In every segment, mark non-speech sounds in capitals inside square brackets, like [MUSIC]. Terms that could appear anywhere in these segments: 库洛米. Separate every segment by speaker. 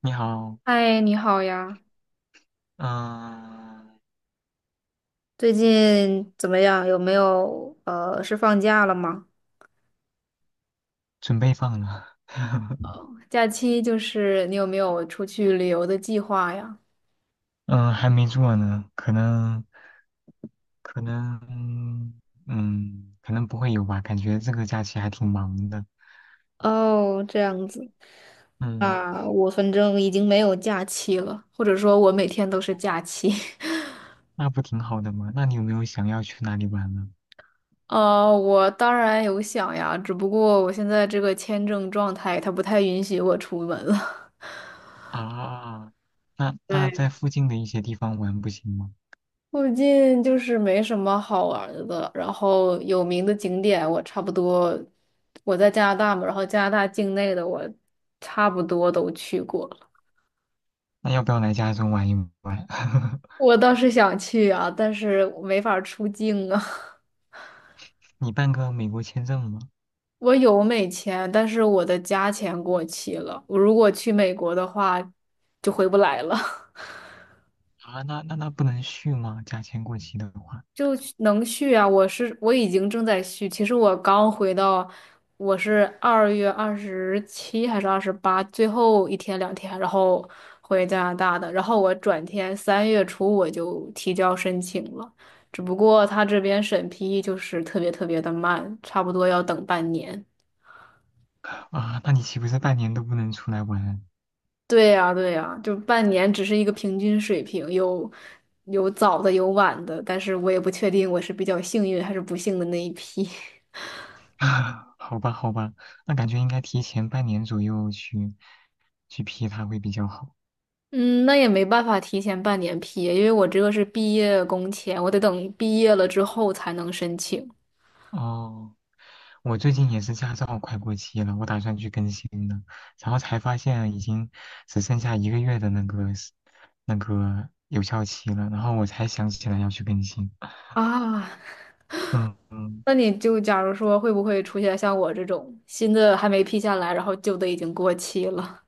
Speaker 1: 你好。
Speaker 2: 嗨，你好呀，
Speaker 1: 嗯。
Speaker 2: 最近怎么样？有没有是放假了吗？
Speaker 1: 准备放了，[LAUGHS]
Speaker 2: 假期就是你有没有出去旅游的计划呀？
Speaker 1: 嗯、还没做呢，可能，可能不会有吧，感觉这个假期还挺忙的。
Speaker 2: 哦，这样子
Speaker 1: 嗯，
Speaker 2: 啊，我反正已经没有假期了。或者说我每天都是假期？
Speaker 1: 那不挺好的吗？那你有没有想要去哪里玩呢？
Speaker 2: [LAUGHS] 哦，我当然有想呀，只不过我现在这个签证状态它不太允许我出门了。
Speaker 1: 啊，那
Speaker 2: [LAUGHS]
Speaker 1: 那在
Speaker 2: 对。
Speaker 1: 附近的一些地方玩不行吗？
Speaker 2: 附近就是没什么好玩儿的，然后有名的景点我差不多，我在加拿大嘛，然后加拿大境内的我差不多都去过了。
Speaker 1: 那要不要来加州玩一玩？[LAUGHS]
Speaker 2: 我倒是想去啊，但是我没法儿出境啊。
Speaker 1: 你办个美国签证吗？
Speaker 2: [LAUGHS] 我有美签，但是我的加签过期了，我如果去美国的话，就回不来了。[LAUGHS]
Speaker 1: 啊，那不能续吗？假签过期的话，
Speaker 2: 就能续啊！我已经正在续，其实我刚回到，我是2月27还是28最后一天两天，然后回加拿大的，然后我转天3月初我就提交申请了，只不过他这边审批就是特别的慢，差不多要等半年。
Speaker 1: 啊，那你岂不是半年都不能出来玩？
Speaker 2: 对呀，对呀，就半年只是一个平均水平，有早的有晚的，但是我也不确定我是比较幸运还是不幸的那一批。
Speaker 1: [LAUGHS] 啊，好吧，好吧，那感觉应该提前半年左右去批它会比较好。
Speaker 2: 嗯，那也没办法提前半年批，因为我这个是毕业工签，我得等毕业了之后才能申请
Speaker 1: 哦，我最近也是驾照快过期了，我打算去更新的，然后才发现已经只剩下一个月的那个有效期了，然后我才想起来要去更新。
Speaker 2: 啊。
Speaker 1: 嗯，嗯
Speaker 2: 那你就假如说会不会出现像我这种新的还没批下来，然后旧的已经过期了？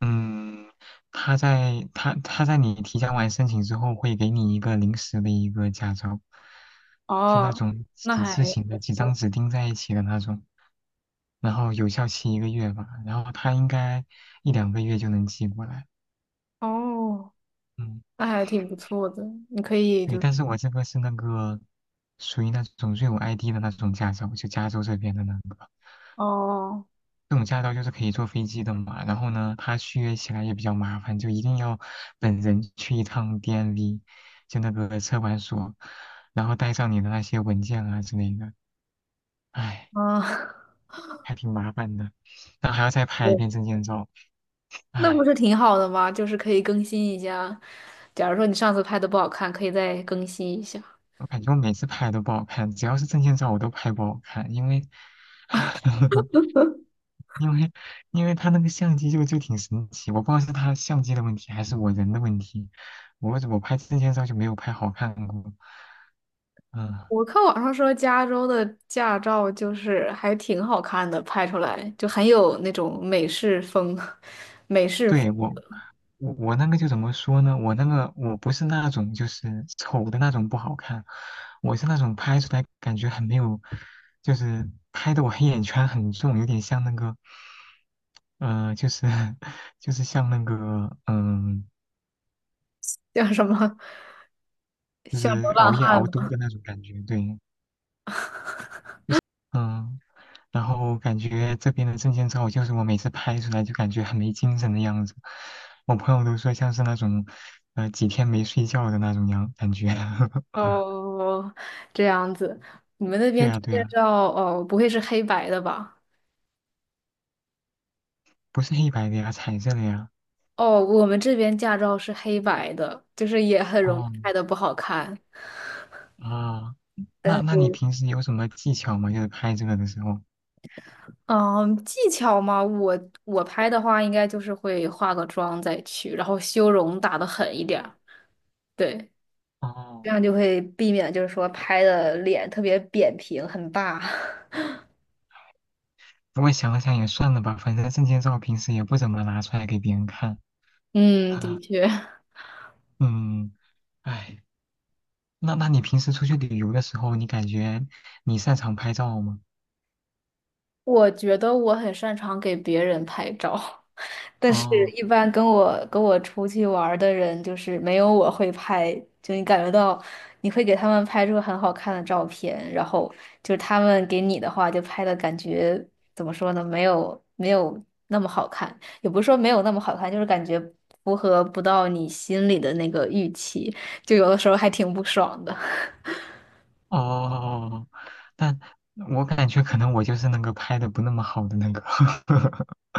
Speaker 1: 嗯，他在你提交完申请之后，会给你一个临时的一个驾照，就那
Speaker 2: 哦，
Speaker 1: 种
Speaker 2: 那
Speaker 1: 纸质
Speaker 2: 还
Speaker 1: 型的，几张纸钉在一起的那种，然后有效期一个月吧，然后他应该一两个月就能寄过来。
Speaker 2: 哦，
Speaker 1: 嗯，
Speaker 2: 那还挺不错的，你可以
Speaker 1: 对，
Speaker 2: 就是
Speaker 1: 但是我这个是那个属于那种瑞武 ID 的那种驾照，就加州这边的那个。
Speaker 2: 哦
Speaker 1: 这种驾照就是可以坐飞机的嘛，然后呢，它续约起来也比较麻烦，就一定要本人去一趟 DMV，就那个车管所，然后带上你的那些文件啊之类的，唉，
Speaker 2: 啊，
Speaker 1: 还挺麻烦的，然后还要再
Speaker 2: [LAUGHS]
Speaker 1: 拍一
Speaker 2: 对，
Speaker 1: 遍证件照，
Speaker 2: 那不
Speaker 1: 唉，
Speaker 2: 是挺好的吗？就是可以更新一下。假如说你上次拍的不好看，可以再更新一下。
Speaker 1: 我感觉我每次拍都不好看，只要是证件照我都拍不好看，因为 [LAUGHS] 因为因为他那个相机就挺神奇，我不知道是他相机的问题还是我人的问题，我拍证件照就没有拍好看过。嗯，
Speaker 2: 我看网上说加州的驾照就是还挺好看的，拍出来就很有那种美式风，[LAUGHS] 美式风
Speaker 1: 对，我那个就怎么说呢？我那个我不是那种就是丑的那种不好看，我是那种拍出来感觉很没有，就是拍的我黑眼圈很重，有点像那个，就是 [LAUGHS] 就是像那个
Speaker 2: 叫什么？
Speaker 1: 就
Speaker 2: 像流
Speaker 1: 是
Speaker 2: 浪
Speaker 1: 熬夜
Speaker 2: 汉
Speaker 1: 熬多
Speaker 2: 吗？
Speaker 1: 的那种感觉，对。嗯，然后感觉这边的证件照，就是我每次拍出来就感觉很没精神的样子，我朋友都说像是那种，几天没睡觉的那种样感觉。[LAUGHS]
Speaker 2: 哦，这样子，你们那
Speaker 1: 对
Speaker 2: 边驾
Speaker 1: 呀，对呀，
Speaker 2: 照哦，不会是黑白的吧？
Speaker 1: 不是黑白的呀，彩色的呀。
Speaker 2: 哦，我们这边驾照是黑白的，就是也很容易
Speaker 1: 哦，
Speaker 2: 拍的不好看。
Speaker 1: 啊，
Speaker 2: 但
Speaker 1: 那你
Speaker 2: 是，
Speaker 1: 平时有什么技巧吗？就是拍这个的时候。
Speaker 2: 嗯，技巧嘛，我拍的话，应该就是会化个妆再去，然后修容打的狠一点儿。对，这
Speaker 1: 哦，
Speaker 2: 样就会避免就是说拍的脸特别扁平，很大。[LAUGHS]
Speaker 1: 不过想了想也算了吧，反正证件照平时也不怎么拿出来给别人看。
Speaker 2: 嗯，的
Speaker 1: [LAUGHS]
Speaker 2: 确，[LAUGHS]
Speaker 1: 嗯，唉。那你平时出去旅游的时候，你感觉你擅长拍照吗？
Speaker 2: 我觉得我很擅长给别人拍照。但是，
Speaker 1: 哦
Speaker 2: 一般跟我出去玩儿的人，就是没有我会拍，就你感觉到你会给他们拍出很好看的照片，然后就是他们给你的话，就拍的感觉怎么说呢？没有那么好看，也不是说没有那么好看，就是感觉符合不到你心里的那个预期，就有的时候还挺不爽的。[LAUGHS]
Speaker 1: 哦，哦，但我感觉可能我就是那个拍的不那么好的那个，[LAUGHS]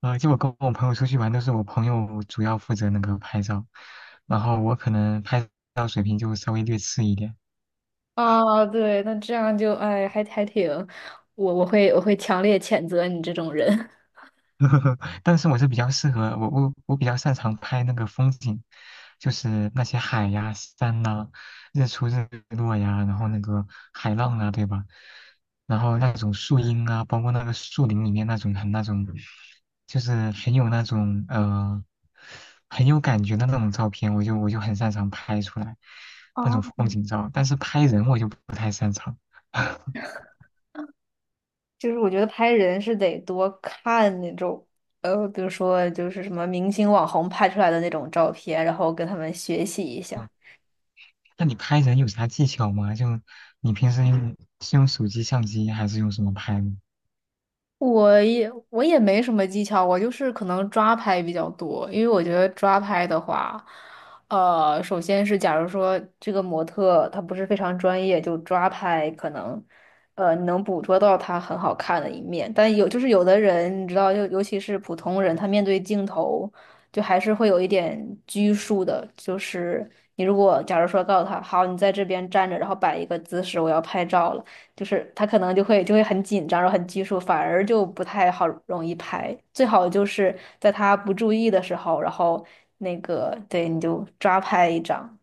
Speaker 1: 就我跟我朋友出去玩，都是我朋友主要负责那个拍照，然后我可能拍照水平就稍微略次一点。
Speaker 2: 啊，对，那这样就哎，还还挺，我我会我会强烈谴责你这种人。
Speaker 1: [LAUGHS] 但是我是比较适合我比较擅长拍那个风景，就是那些海呀、山呐、日出日落呀，然后那个海浪啊，对吧？然后那种树荫啊，包括那个树林里面那种很那种，就是很有那种很有感觉的那种照片，我就很擅长拍出来
Speaker 2: [LAUGHS]
Speaker 1: 那
Speaker 2: 啊。
Speaker 1: 种风景照，但是拍人我就不太擅长。
Speaker 2: 就是我觉得拍人是得多看那种，比如说就是什么明星网红拍出来的那种照片，然后跟他们学习一下。
Speaker 1: 那你拍人有啥技巧吗？就你平时用是用手机相机还是用什么拍呢？
Speaker 2: 我也没什么技巧，我就是可能抓拍比较多，因为我觉得抓拍的话，首先是假如说这个模特她不是非常专业，就抓拍可能，你能捕捉到他很好看的一面，但有就是有的人你知道，就尤其是普通人，他面对镜头就还是会有一点拘束的，就是你如果假如说告诉他，好，你在这边站着，然后摆一个姿势，我要拍照了。就是他可能就会很紧张，然后很拘束，反而就不太好容易拍。最好就是在他不注意的时候，然后那个对你就抓拍一张，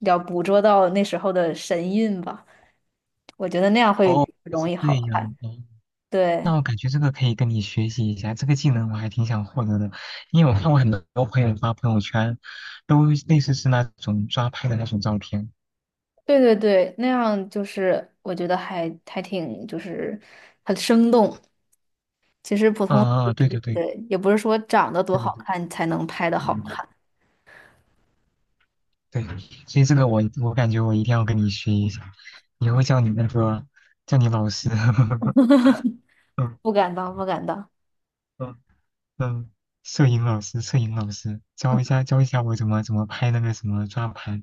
Speaker 2: 要捕捉到那时候的神韵吧。我觉得那样会
Speaker 1: 哦，
Speaker 2: 容
Speaker 1: 是
Speaker 2: 易
Speaker 1: 这
Speaker 2: 好看。
Speaker 1: 样哦。那
Speaker 2: 对，
Speaker 1: 我感觉这个可以跟你学习一下，这个技能我还挺想获得的，因为我看过很多朋友发朋友圈，都类似是那种抓拍的那种照片。
Speaker 2: 对对对，那样就是我觉得还还挺就是很生动。其实普
Speaker 1: 嗯
Speaker 2: 通
Speaker 1: 嗯，对对对
Speaker 2: 对，也不是说长得多
Speaker 1: 对对
Speaker 2: 好
Speaker 1: 对，
Speaker 2: 看才能拍的好
Speaker 1: 嗯，
Speaker 2: 看，
Speaker 1: 对，所以这个我感觉我一定要跟你学一下，以后叫你老师。[LAUGHS] 嗯
Speaker 2: 不敢当，不敢当。
Speaker 1: 嗯嗯，摄影老师，摄影老师教一下教一下我怎么拍那个什么抓拍，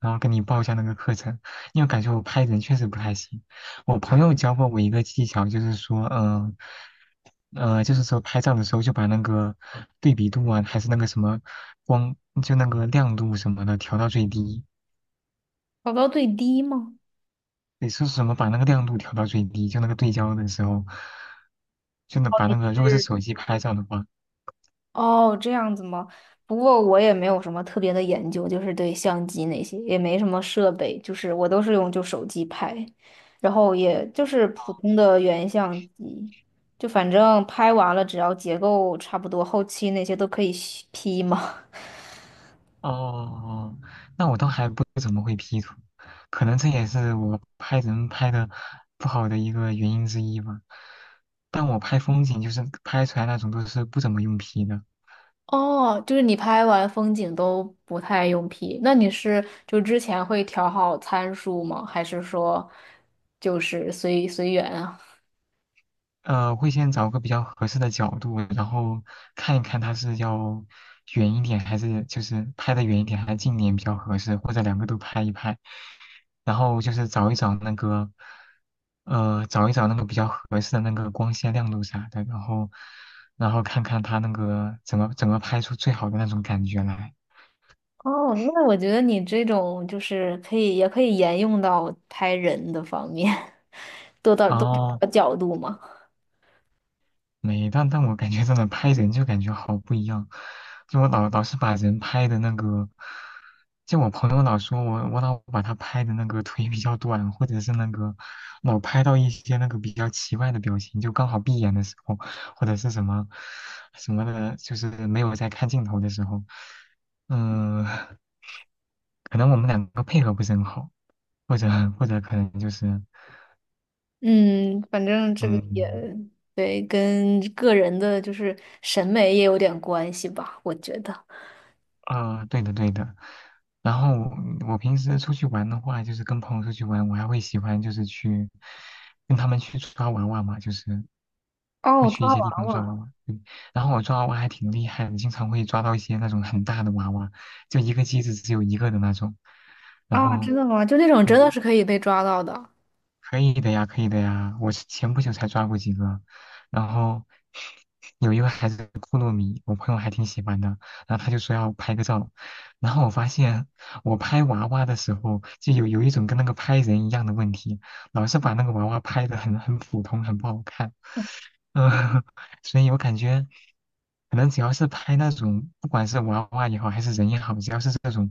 Speaker 1: 然后跟你报一下那个课程，因为感觉我拍人确实不太行。我朋友教过我一个技巧，就是说，就是说拍照的时候就把那个对比度啊，还是那个什么光，就那个亮度什么的调到最低。
Speaker 2: 调到最低吗？
Speaker 1: 你说什么把那个亮度调到最低？就那个对焦的时候，就能把那个，如果是
Speaker 2: 是
Speaker 1: 手机拍照的话，
Speaker 2: 哦，这样子吗？不过我也没有什么特别的研究，就是对相机那些也没什么设备，就是我都是用就手机拍，然后也就是普通的原相机，就反正拍完了只要结构差不多，后期那些都可以 P 嘛。
Speaker 1: 哦，那我倒还不怎么会 P 图，可能这也是我拍人拍的不好的一个原因之一吧。但我拍风景就是拍出来那种都是不怎么用 P 的。
Speaker 2: [LAUGHS] 哦，就是你拍完风景都不太用 P，那你是就之前会调好参数吗？还是说就是随随缘啊？
Speaker 1: 会先找个比较合适的角度，然后看一看它是要远一点，还是就是拍的远一点，还是近一点比较合适，或者两个都拍一拍。然后就是找一找那个，找一找那个比较合适的那个光线亮度啥的，然后，看看它那个怎么拍出最好的那种感觉来。
Speaker 2: 哦，那我觉得你这种就是可以，也可以沿用到拍人的方面，[LAUGHS] 多到多找
Speaker 1: 哦，
Speaker 2: 个角度嘛。
Speaker 1: 没，但我感觉真的拍人就感觉好不一样，就我老是把人拍的那个，就我朋友老说我老把他拍的那个腿比较短，或者是那个老拍到一些那个比较奇怪的表情，就刚好闭眼的时候，或者是什么什么的，就是没有在看镜头的时候，嗯、可能我们两个配合不是很好，或者可能就是
Speaker 2: 嗯，反正这个也
Speaker 1: 嗯。
Speaker 2: 对，跟个人的就是审美也有点关系吧，我觉得。
Speaker 1: 对的对的。然后我平时出去玩的话，就是跟朋友出去玩，我还会喜欢就是去跟他们去抓娃娃嘛，就是会
Speaker 2: 哦，
Speaker 1: 去一
Speaker 2: 抓
Speaker 1: 些地
Speaker 2: 娃
Speaker 1: 方抓
Speaker 2: 娃
Speaker 1: 娃娃。嗯然后我抓娃娃还挺厉害的，经常会抓到一些那种很大的娃娃，就一个机子只有一个的那种。然
Speaker 2: 啊，
Speaker 1: 后，
Speaker 2: 真的吗？就那种真的
Speaker 1: 对，
Speaker 2: 是可以被抓到的，
Speaker 1: 可以的呀，可以的呀。我是前不久才抓过几个，然后有一个还是库洛米，我朋友还挺喜欢的，然后他就说要拍个照，然后我发现我拍娃娃的时候就有一种跟那个拍人一样的问题，老是把那个娃娃拍的很普通，很不好看。嗯，[LAUGHS] 所以我感觉可能只要是拍那种，不管是娃娃也好，还是人也好，只要是这种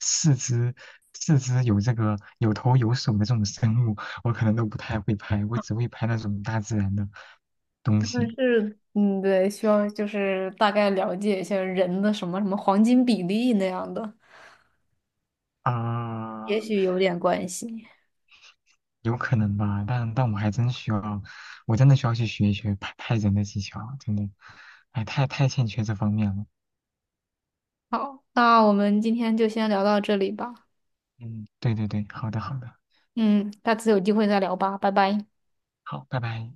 Speaker 1: 四肢四肢有这个有头有手的这种生物。我可能都不太会拍，我只会拍那种大自然的东
Speaker 2: 但
Speaker 1: 西
Speaker 2: 是嗯，对，需要就是大概了解一下人的什么什么黄金比例那样的，也
Speaker 1: 啊，
Speaker 2: 许有点关系。
Speaker 1: 有可能吧，但我还真需要，我真的需要去学一学拍人的技巧，真的，哎，太欠缺这方面了。
Speaker 2: 好，那我们今天就先聊到这里吧。
Speaker 1: 嗯，对对对，好的好的，
Speaker 2: 嗯，下次有机会再聊吧，拜拜。
Speaker 1: 好，拜拜。